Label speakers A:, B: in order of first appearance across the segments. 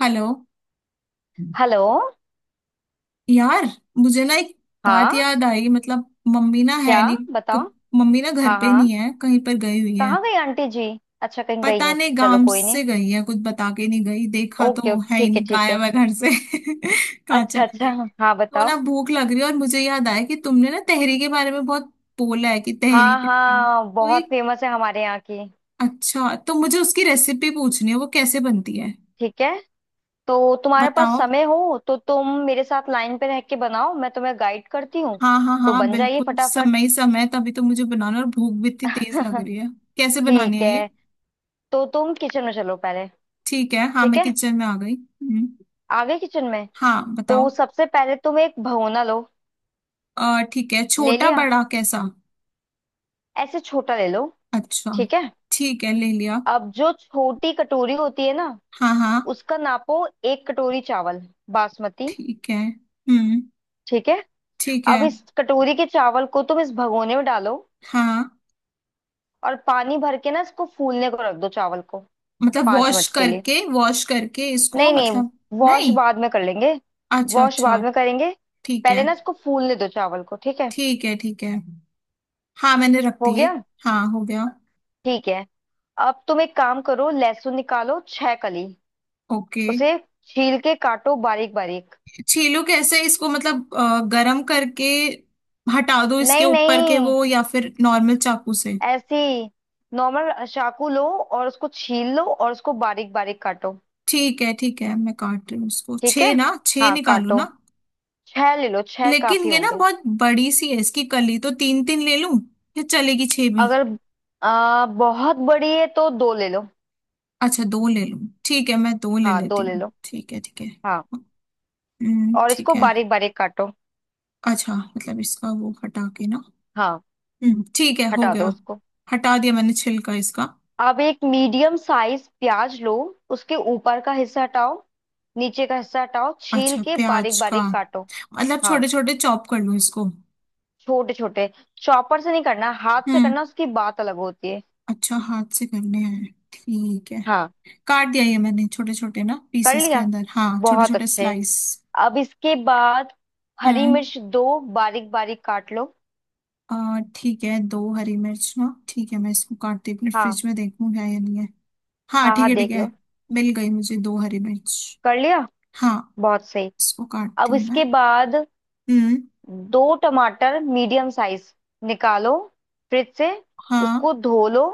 A: Hello
B: hello.
A: यार, मुझे ना एक बात
B: हाँ,
A: याद आई। मतलब मम्मी ना
B: क्या?
A: है नहीं। क-
B: बताओ।
A: मम्मी ना घर
B: हाँ
A: पे नहीं
B: हाँ।
A: है, कहीं पर गई हुई है।
B: कहाँ गई आंटी जी? अच्छा, कहीं गई
A: पता
B: है,
A: नहीं
B: चलो
A: गांव
B: कोई
A: से
B: नहीं।
A: गई है, कुछ बता के नहीं गई। देखा
B: ओके ओके,
A: तो है ही
B: ठीक है
A: नहीं,
B: ठीक
A: गायब
B: है।
A: है घर से। कहाँ
B: अच्छा
A: चली
B: अच्छा,
A: गई।
B: हाँ
A: तो
B: बताओ।
A: ना भूख लग रही है, और मुझे याद आया कि तुमने ना तहरी के बारे में बहुत बोला है कि तहरी।
B: हाँ
A: तहरी
B: हाँ,
A: तो
B: बहुत
A: एक।
B: फेमस है हमारे यहाँ की।
A: अच्छा, तो मुझे उसकी रेसिपी पूछनी है, वो कैसे बनती है।
B: ठीक है, तो तुम्हारे पास
A: बताओ।
B: समय हो तो तुम मेरे साथ लाइन पे रह के बनाओ, मैं तुम्हें गाइड करती हूँ।
A: हाँ हाँ
B: तो
A: हाँ,
B: बन जाइए
A: बिल्कुल समय
B: फटाफट।
A: ही समय है, तभी तो मुझे बनाना। और भूख भी इतनी तेज लग रही है। कैसे बनानी
B: ठीक
A: है
B: है,
A: ये।
B: तो तुम किचन में चलो पहले।
A: ठीक है। हाँ
B: ठीक
A: मैं
B: है,
A: किचन में आ गई। हम्म।
B: आगे किचन में।
A: हाँ बताओ।
B: तो सबसे पहले तुम एक भगोना लो।
A: ठीक है,
B: ले
A: छोटा
B: लिया?
A: बड़ा कैसा।
B: ऐसे छोटा ले लो।
A: अच्छा।
B: ठीक है।
A: ठीक है, ले लिया।
B: अब जो छोटी कटोरी होती है ना,
A: हाँ हाँ।
B: उसका नापो। 1 कटोरी चावल, बासमती।
A: ठीक है। हम्म।
B: ठीक है।
A: ठीक है।
B: अब इस कटोरी के चावल को तुम इस भगोने में डालो,
A: हाँ।
B: और पानी भर के ना इसको फूलने को रख दो चावल को,
A: मतलब
B: पांच मिनट के लिए।
A: वॉश करके इसको,
B: नहीं नहीं,
A: मतलब।
B: वॉश
A: नहीं।
B: बाद में कर लेंगे।
A: अच्छा
B: वॉश
A: अच्छा।
B: बाद में करेंगे।
A: ठीक
B: पहले
A: है
B: ना इसको फूलने दो चावल को, ठीक है।
A: ठीक है। ठीक है। हाँ मैंने रख
B: हो
A: दिए।
B: गया?
A: हाँ हो गया।
B: ठीक है। अब तुम एक काम करो, लहसुन निकालो 6 कली।
A: ओके।
B: उसे छील के काटो बारीक बारीक।
A: छीलो कैसे इसको, मतलब गरम करके हटा दो इसके
B: नहीं
A: ऊपर के
B: नहीं,
A: वो, या फिर नॉर्मल चाकू से।
B: ऐसी नॉर्मल चाकू लो और उसको छील लो और उसको बारीक बारीक काटो।
A: ठीक है ठीक है, मैं काट रही हूँ इसको।
B: ठीक है,
A: छह ना, छह
B: हाँ
A: निकालू
B: काटो।
A: ना।
B: 6 ले लो, 6 काफी
A: लेकिन ये ना
B: होंगे।
A: बहुत बड़ी सी है इसकी कली, तो तीन तीन ले लूं या चलेगी छह भी।
B: अगर बहुत बड़ी है तो दो ले लो।
A: अच्छा दो ले लूं। ठीक है, मैं दो ले
B: हाँ दो
A: लेती
B: ले
A: हूँ।
B: लो।
A: ठीक है ठीक है।
B: हाँ।
A: हम्म।
B: और
A: ठीक
B: इसको
A: है।
B: बारीक बारीक काटो।
A: अच्छा, मतलब इसका वो हटा के ना।
B: हाँ,
A: हम्म। ठीक है, हो
B: हटा दो
A: गया।
B: उसको।
A: हटा दिया मैंने छिलका इसका।
B: अब एक मीडियम साइज प्याज लो। उसके ऊपर का हिस्सा हटाओ, नीचे का हिस्सा हटाओ, छील
A: अच्छा,
B: के बारीक
A: प्याज का।
B: बारीक काटो।
A: मतलब
B: हाँ
A: छोटे छोटे चॉप कर लूँ इसको।
B: छोटे छोटे। चॉपर से नहीं करना, हाथ से
A: हम्म।
B: करना, उसकी बात अलग होती है।
A: अच्छा, हाथ से करने हैं, ठीक है।
B: हाँ,
A: काट दिया ये मैंने छोटे छोटे ना
B: कर
A: पीसेस के
B: लिया?
A: अंदर। हाँ, छोटे
B: बहुत
A: छोटे
B: अच्छे।
A: स्लाइस।
B: अब इसके बाद हरी
A: हम्म।
B: मिर्च दो बारीक बारीक काट लो।
A: और, ठीक है, दो हरी मिर्च ना। ठीक है, मैं इसको काटती हूँ, अपने
B: हाँ
A: फ्रिज में देखूँ है या नहीं है। हाँ
B: हाँ,
A: ठीक
B: हाँ
A: है ठीक
B: देख
A: है।
B: लो।
A: मिल गई मुझे दो हरी मिर्च।
B: कर लिया?
A: हाँ।
B: बहुत सही।
A: इसको काटती
B: अब
A: हूँ मैं।
B: इसके बाद
A: हम्म।
B: दो टमाटर मीडियम साइज निकालो, फ्रिज से।
A: हाँ।
B: उसको धो लो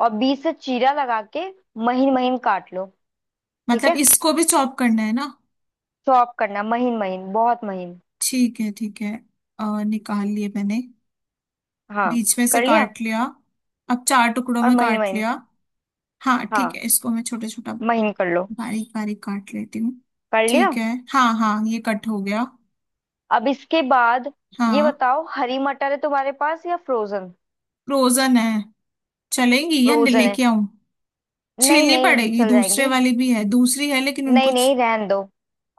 B: और बीच से चीरा लगा के महीन महीन काट लो। ठीक
A: मतलब
B: है,
A: इसको भी चॉप करना है ना।
B: चॉप करना, महीन महीन, बहुत महीन।
A: ठीक है ठीक है। और निकाल लिए मैंने।
B: हाँ
A: बीच में से
B: कर लिया?
A: काट लिया। अब चार टुकड़ों
B: और
A: में
B: महीन
A: काट
B: महीन।
A: लिया। हाँ ठीक
B: हाँ
A: है, इसको मैं छोटा छोटा
B: महीन कर लो।
A: बारीक बारीक काट लेती हूँ।
B: कर लिया?
A: ठीक है। हाँ हाँ, ये कट हो गया।
B: अब इसके बाद ये
A: हाँ,
B: बताओ, हरी मटर है तुम्हारे पास या फ्रोजन?
A: फ्रोजन है। चलेंगी, या
B: फ्रोजन है?
A: लेके आऊं।
B: नहीं
A: छीलनी
B: नहीं,
A: पड़ेगी।
B: चल
A: दूसरे
B: जाएंगी।
A: वाली भी है, दूसरी है, लेकिन
B: नहीं
A: उनको
B: नहीं, रहन दो।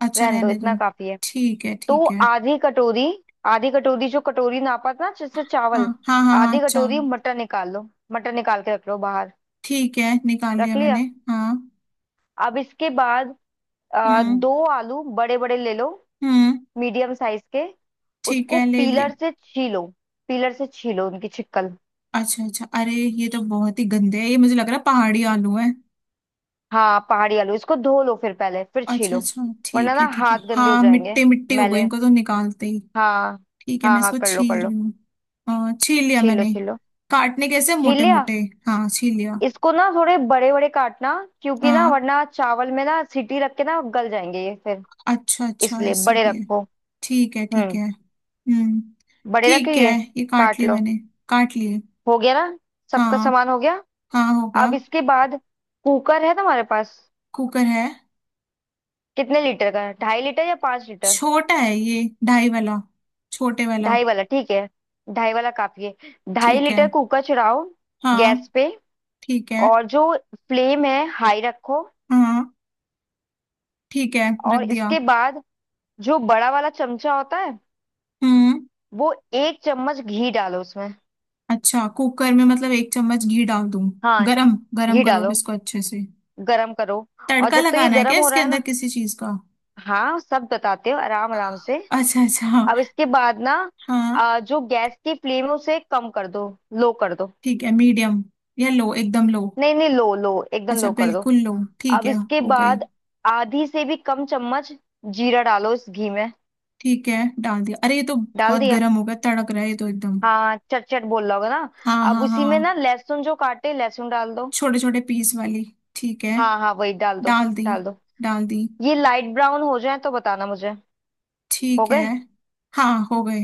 A: अच्छा,
B: रहन दो,
A: रहने
B: इतना
A: दूं।
B: काफी है।
A: ठीक है
B: तो
A: ठीक है।
B: आधी कटोरी, आधी कटोरी, जो कटोरी नापा था ना जिससे
A: हाँ
B: चावल,
A: हाँ हाँ हाँ
B: आधी
A: अच्छा।
B: कटोरी मटर निकाल लो, मटर निकाल के रख लो बाहर।
A: ठीक है, निकाल
B: रख
A: लिया मैंने।
B: लिया?
A: हाँ।
B: अब इसके बाद
A: हम्म।
B: दो आलू बड़े बड़े ले लो,
A: हम्म।
B: मीडियम साइज के।
A: ठीक
B: उसको
A: है, ले लिया।
B: पीलर से छीलो, पीलर से छीलो उनकी छिकल।
A: अच्छा अच्छा, अरे ये तो बहुत ही गंदे है ये, मुझे लग रहा है पहाड़ी आलू है।
B: हाँ पहाड़ी आलू, इसको धो लो फिर पहले, फिर
A: अच्छा
B: छीलो।
A: अच्छा,
B: वरना
A: ठीक
B: ना
A: है ठीक है।
B: हाथ गंदे हो
A: हाँ,
B: जाएंगे,
A: मिट्टी मिट्टी हो गई
B: मैले।
A: इनको तो निकालते ही।
B: हाँ
A: ठीक है,
B: हाँ
A: मैं
B: हाँ,
A: इसको
B: कर लो
A: छील
B: कर
A: रही
B: लो।
A: हूँ। छील लिया
B: छीलो
A: मैंने।
B: छीलो।
A: काटने कैसे,
B: छील
A: मोटे
B: लिया?
A: मोटे। हाँ छील लिया।
B: इसको ना थोड़े बड़े बड़े काटना, क्योंकि ना
A: हाँ
B: वरना चावल में ना सीटी रख के ना गल जाएंगे ये फिर।
A: अच्छा अच्छा,
B: इसलिए
A: ऐसा
B: बड़े
A: भी है।
B: रखो।
A: ठीक है ठीक
B: हम्म,
A: है। हम्म।
B: बड़े रखे
A: ठीक है।
B: ये।
A: ये काट
B: काट
A: लिए
B: लो।
A: मैंने। काट लिए।
B: हो गया ना, सबका
A: हाँ।
B: सामान हो गया?
A: हाँ हो गया।
B: अब इसके बाद कुकर है तुम्हारे पास?
A: कुकर है।
B: कितने लीटर का है, 2.5 लीटर या 5 लीटर?
A: छोटा है ये, ढाई वाला। छोटे वाला।
B: ढाई वाला ठीक है, ढाई वाला काफी है। ढाई
A: ठीक है।
B: लीटर कुकर चढ़ाओ
A: हाँ।
B: गैस पे,
A: ठीक है।
B: और जो फ्लेम है हाई रखो।
A: हाँ ठीक है, रख
B: और
A: दिया।
B: इसके बाद जो बड़ा वाला चमचा होता है,
A: हम्म।
B: वो 1 चम्मच घी डालो उसमें।
A: अच्छा, कुकर में मतलब एक चम्मच घी डाल दूं।
B: हाँ
A: गरम गरम
B: घी
A: करो अब
B: डालो,
A: इसको अच्छे से।
B: गरम करो। और
A: तड़का
B: जब तक ये
A: लगाना है क्या
B: गरम हो
A: इसके
B: रहा है
A: अंदर
B: ना,
A: किसी चीज का।
B: हाँ सब बताते हो आराम आराम से।
A: अच्छा अच्छा हाँ।
B: अब इसके बाद ना,
A: हाँ,
B: जो गैस की फ्लेम है उसे कम कर दो, लो कर दो।
A: ठीक है। मीडियम या लो, एकदम लो।
B: नहीं नहीं, लो लो, एकदम
A: अच्छा,
B: लो कर दो।
A: बिल्कुल लो। ठीक
B: अब
A: है,
B: इसके
A: हो गई।
B: बाद आधी से भी कम चम्मच जीरा डालो इस घी में।
A: ठीक है, डाल दिया। अरे, ये तो
B: डाल
A: बहुत
B: दिया?
A: गर्म हो गया, तड़क रहा है ये तो एकदम।
B: हाँ चट चट बोल रहा होगा ना।
A: हाँ
B: अब
A: हाँ हाँ
B: उसी में
A: हाँ,
B: ना लहसुन, जो काटे लहसुन, डाल दो।
A: छोटे छोटे पीस वाली। ठीक है,
B: हाँ हाँ, वही डाल दो।
A: डाल दी।
B: डाल दो।
A: डाल दी।
B: ये लाइट ब्राउन हो जाए तो बताना मुझे। हो
A: ठीक है।
B: गए?
A: हाँ हो गए।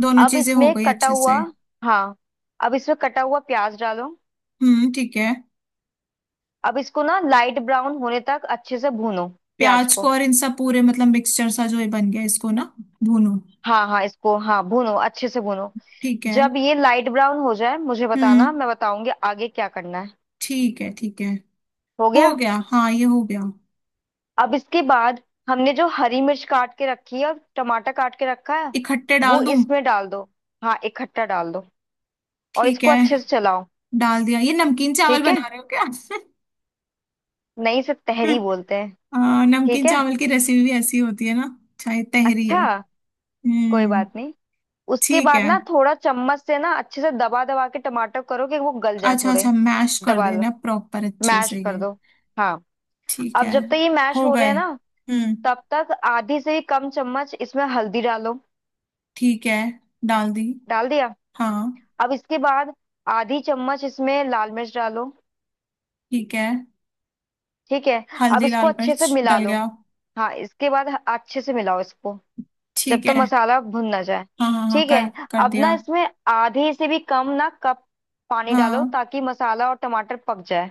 A: दोनों
B: अब
A: चीजें हो
B: इसमें
A: गई
B: कटा
A: अच्छे
B: हुआ,
A: से।
B: हाँ, अब इसमें कटा हुआ प्याज डालो।
A: ठीक है।
B: अब इसको ना लाइट ब्राउन होने तक अच्छे से भूनो, प्याज
A: प्याज को,
B: को।
A: और इन सब पूरे मतलब मिक्सचर सा जो ये बन गया इसको ना भूनो।
B: हाँ हाँ, इसको हाँ भूनो अच्छे से भूनो।
A: ठीक है।
B: जब ये लाइट ब्राउन हो जाए मुझे बताना,
A: हम्म
B: मैं बताऊंगी आगे क्या करना है।
A: ठीक है ठीक है।
B: हो
A: हो
B: गया?
A: गया। हाँ ये हो गया।
B: अब इसके बाद हमने जो हरी मिर्च काट के रखी है और टमाटर काट के रखा है,
A: इकट्ठे
B: वो
A: डाल दूं।
B: इसमें डाल दो। हाँ इकट्ठा डाल दो। और
A: ठीक
B: इसको
A: है।
B: अच्छे से चलाओ।
A: डाल दिया। ये नमकीन चावल
B: ठीक है।
A: बना रहे हो क्या।
B: नहीं, से तहरी बोलते हैं। ठीक
A: नमकीन
B: है,
A: चावल की रेसिपी भी ऐसी होती है ना। अच्छा, ये तहरी
B: अच्छा।
A: है।
B: कोई
A: हम्म।
B: बात नहीं। उसके
A: ठीक
B: बाद
A: है।
B: ना थोड़ा चम्मच से ना अच्छे से दबा दबा के टमाटर करो कि वो गल जाए
A: अच्छा
B: थोड़े।
A: अच्छा, मैश कर
B: दबा लो,
A: देना प्रॉपर अच्छे
B: मैश
A: से
B: कर
A: ये।
B: दो। हाँ।
A: ठीक
B: अब
A: है,
B: जब तक ये मैश
A: हो
B: हो रहे
A: गए।
B: हैं ना,
A: हम्म।
B: तब तक आधी से भी कम चम्मच इसमें हल्दी डालो।
A: ठीक है, डाल दी।
B: डाल दिया?
A: हाँ।
B: अब इसके बाद आधी चम्मच इसमें लाल मिर्च डालो।
A: ठीक है,
B: ठीक है। अब
A: हल्दी
B: इसको
A: लाल
B: अच्छे से
A: मिर्च
B: मिला
A: डल
B: लो।
A: गया।
B: हाँ इसके बाद अच्छे से मिलाओ इसको, जब
A: ठीक
B: तक
A: है।
B: मसाला भुन ना जाए।
A: हाँ हाँ हाँ,
B: ठीक
A: कर
B: है।
A: कर
B: अब
A: दिया।
B: ना इसमें आधे से भी कम ना कप पानी डालो,
A: हाँ।
B: ताकि मसाला और टमाटर पक जाए।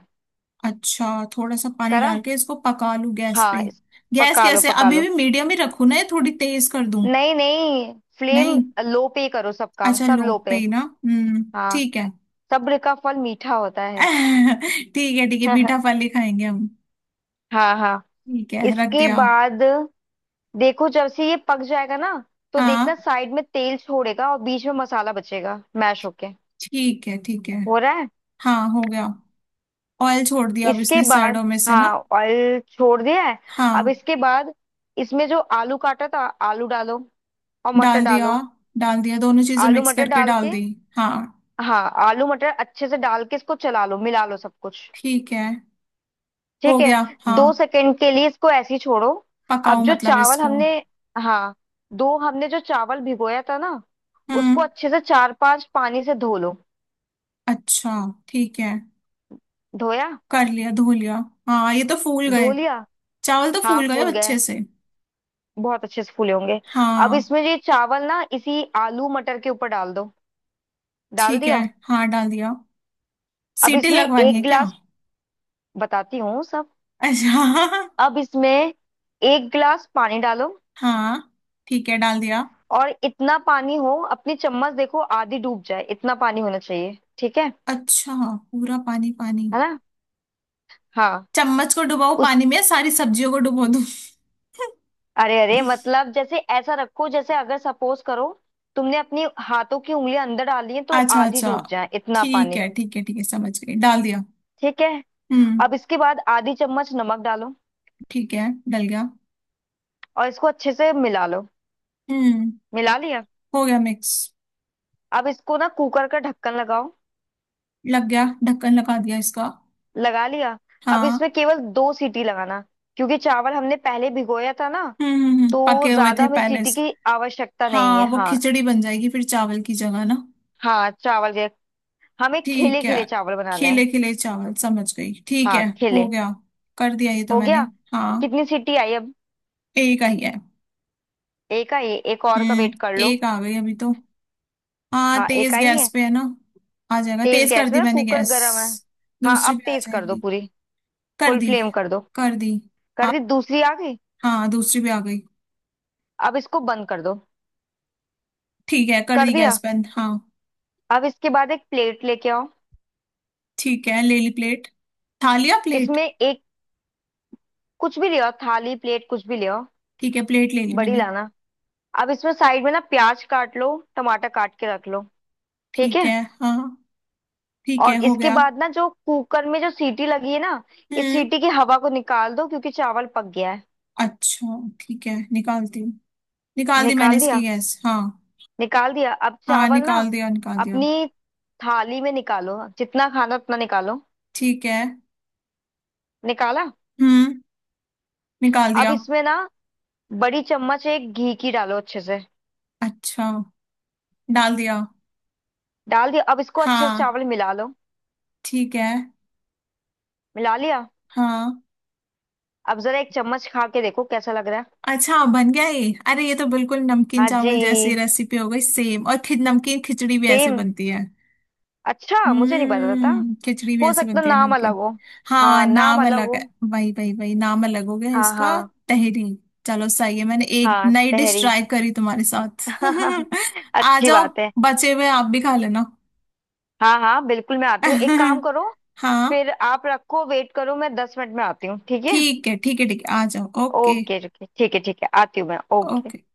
A: अच्छा, थोड़ा सा पानी
B: करा।
A: डाल के इसको पका लूं गैस
B: हाँ
A: पे। गैस
B: पका लो
A: कैसे,
B: पका
A: अभी
B: लो।
A: भी मीडियम ही रखूं ना, या थोड़ी तेज कर दूं।
B: नहीं नहीं, फ्लेम
A: नहीं।
B: लो पे करो, सब काम
A: अच्छा,
B: सब
A: लो
B: लो
A: पे
B: पे।
A: ही ना। हम्म
B: हाँ,
A: ठीक है।
B: सब्र का फल मीठा होता है।
A: ठीक है ठीक है, मीठा फल ही खाएंगे हम।
B: हाँ हाँ।
A: ठीक है, रख
B: इसके
A: दिया।
B: बाद देखो, जब से ये पक जाएगा ना, तो
A: हाँ।
B: देखना साइड में तेल छोड़ेगा और बीच में मसाला बचेगा मैश होके।
A: ठीक है ठीक है।
B: हो रहा है?
A: हाँ हो गया। ऑयल छोड़ दिया अब
B: इसके
A: इसने साइडों
B: बाद,
A: में से ना।
B: हाँ ऑयल छोड़ दिया है। अब
A: हाँ।
B: इसके बाद इसमें जो आलू काटा था, आलू डालो और मटर
A: डाल दिया।
B: डालो।
A: डाल दिया दोनों चीजें
B: आलू
A: मिक्स
B: मटर
A: करके
B: डाल
A: डाल
B: के,
A: दी। हाँ।
B: हाँ आलू मटर अच्छे से डाल के इसको चला लो, मिला लो सब कुछ।
A: ठीक है। हो
B: ठीक है।
A: गया। हाँ।
B: 2 सेकंड के लिए इसको ऐसे ही छोड़ो। अब
A: पकाओ
B: जो
A: मतलब
B: चावल
A: इसको।
B: हमने, हाँ दो, हमने जो चावल भिगोया था ना,
A: हम्म।
B: उसको अच्छे से चार पांच पानी से धो लो।
A: अच्छा ठीक है।
B: धोया?
A: कर लिया, धो लिया। हाँ ये तो फूल
B: धो
A: गए।
B: लिया?
A: चावल तो
B: हाँ
A: फूल गए
B: फूल गए,
A: अच्छे से।
B: बहुत अच्छे से फूले होंगे। अब
A: हाँ।
B: इसमें ये चावल ना इसी आलू मटर के ऊपर डाल दो। डाल
A: ठीक है।
B: दिया?
A: हाँ डाल दिया।
B: अब
A: सीटी
B: इसमें
A: लगवानी
B: एक
A: है क्या।
B: गिलास, बताती हूँ सब।
A: अच्छा।
B: अब इसमें 1 गिलास पानी डालो।
A: हाँ ठीक है, डाल दिया।
B: और इतना पानी हो, अपनी चम्मच देखो आधी डूब जाए, इतना पानी होना चाहिए, ठीक है।
A: अच्छा, पूरा पानी पानी।
B: है ना। हाँ
A: चम्मच को डुबाओ
B: उस,
A: पानी में, सारी सब्जियों को डुबो दूं।
B: अरे अरे, मतलब जैसे ऐसा रखो, जैसे अगर सपोज करो तुमने अपनी हाथों की उंगलियां अंदर डाली है तो
A: अच्छा
B: आधी
A: अच्छा,
B: डूब जाए, इतना
A: ठीक
B: पानी।
A: है ठीक है ठीक है, समझ गई, डाल दिया।
B: ठीक है।
A: हम्म।
B: अब इसके बाद आधी चम्मच नमक डालो।
A: ठीक है, डल गया।
B: और इसको अच्छे से मिला लो।
A: हम्म।
B: मिला लिया?
A: हो गया मिक्स।
B: अब इसको ना कुकर का ढक्कन लगाओ।
A: लग गया, ढक्कन लगा दिया इसका।
B: लगा लिया? अब इसमें
A: हाँ।
B: केवल 2 सीटी लगाना, क्योंकि चावल हमने पहले भिगोया था ना, तो
A: पके हुए
B: ज्यादा
A: थे
B: हमें
A: पहले
B: सीटी
A: से।
B: की आवश्यकता नहीं
A: हाँ,
B: है,
A: वो
B: हाँ।
A: खिचड़ी बन जाएगी फिर चावल की जगह ना।
B: हाँ चावल के, हमें खिले
A: ठीक है,
B: खिले चावल बनाने हैं।
A: खिले खिले चावल, समझ गई। ठीक
B: हाँ
A: है, हो
B: खिले।
A: गया। कर दिया ये तो
B: हो
A: मैंने।
B: गया?
A: हाँ।
B: कितनी सीटी आई अब?
A: एक आई है।
B: एक आई है, एक और का वेट कर
A: हम्म,
B: लो।
A: एक आ गई अभी तो। हाँ,
B: हाँ एक
A: तेज
B: आई
A: गैस
B: है,
A: पे है ना। आ जाएगा,
B: तेज
A: तेज कर
B: गैस पे
A: दी
B: ना
A: मैंने
B: कुकर
A: गैस।
B: गर्म है। हाँ
A: दूसरी
B: अब
A: पे आ
B: तेज कर दो
A: जाएगी।
B: पूरी,
A: कर
B: फुल
A: दी।
B: फ्लेम कर दो।
A: कर दी।
B: कर
A: आ,
B: दी? दूसरी आ गई?
A: हाँ, दूसरी पे आ गई।
B: अब इसको बंद कर दो।
A: ठीक है, कर
B: कर
A: दी
B: दिया?
A: गैस बंद। हाँ।
B: अब इसके बाद एक प्लेट लेके आओ।
A: ठीक है, ले ली प्लेट। खा लिया प्लेट।
B: इसमें एक, कुछ भी ले आओ, थाली प्लेट कुछ भी ले आओ।
A: ठीक है, प्लेट ले ली
B: बड़ी
A: मैंने।
B: लाना। अब इसमें साइड में ना प्याज काट लो, टमाटर काट के रख लो। ठीक
A: ठीक
B: है।
A: है। हाँ। ठीक है
B: और
A: हो
B: इसके
A: गया।
B: बाद ना जो कुकर में जो सीटी लगी है ना, इस
A: हम्म।
B: सीटी की हवा को निकाल दो, क्योंकि चावल पक गया है।
A: अच्छा, ठीक है, निकालती हूँ। निकाल दी मैंने
B: निकाल
A: इसकी
B: दिया?
A: गैस। हाँ।
B: निकाल दिया? अब
A: हाँ
B: चावल ना
A: निकाल दिया, निकाल दिया।
B: अपनी थाली में निकालो, जितना खाना उतना निकालो।
A: ठीक है।
B: निकाला?
A: हम्म। निकाल
B: अब
A: दिया।
B: इसमें ना बड़ी चम्मच एक घी की डालो अच्छे से।
A: अच्छा। डाल दिया।
B: डाल दिया? अब इसको अच्छे से
A: हाँ।
B: चावल मिला लो।
A: ठीक है।
B: मिला लिया?
A: हाँ।
B: अब जरा एक चम्मच खा के देखो कैसा लग रहा है।
A: अच्छा, बन गया ये। अरे, ये तो बिल्कुल नमकीन
B: हाँ जी,
A: चावल जैसी रेसिपी हो गई सेम। और खि नमकीन खिचड़ी भी ऐसे
B: सेम।
A: बनती है।
B: अच्छा, मुझे नहीं पता था।
A: हम्म, खिचड़ी भी
B: हो
A: ऐसे
B: सकता
A: बनती है
B: नाम अलग
A: नमकीन।
B: हो।
A: हाँ,
B: हाँ नाम
A: नाम
B: अलग
A: अलग
B: हो।
A: है। वही वही वही, नाम अलग हो गया
B: हाँ
A: इसका।
B: हाँ।
A: तहरी। चलो सही है, मैंने एक
B: हाँ
A: नई डिश
B: तहरी।
A: ट्राई करी तुम्हारे साथ। आ
B: अच्छी
A: जाओ,
B: बात है।
A: बचे हुए आप भी खा लेना।
B: हाँ हाँ बिल्कुल, मैं आती हूँ, एक काम करो,
A: हाँ
B: फिर आप रखो, वेट करो, मैं 10 मिनट में आती हूँ, ठीक है।
A: ठीक है ठीक है ठीक है, आ जाओ। ओके
B: ओके ओके, ठीक है ठीक है, आती हूँ मैं, ओके।
A: ओके।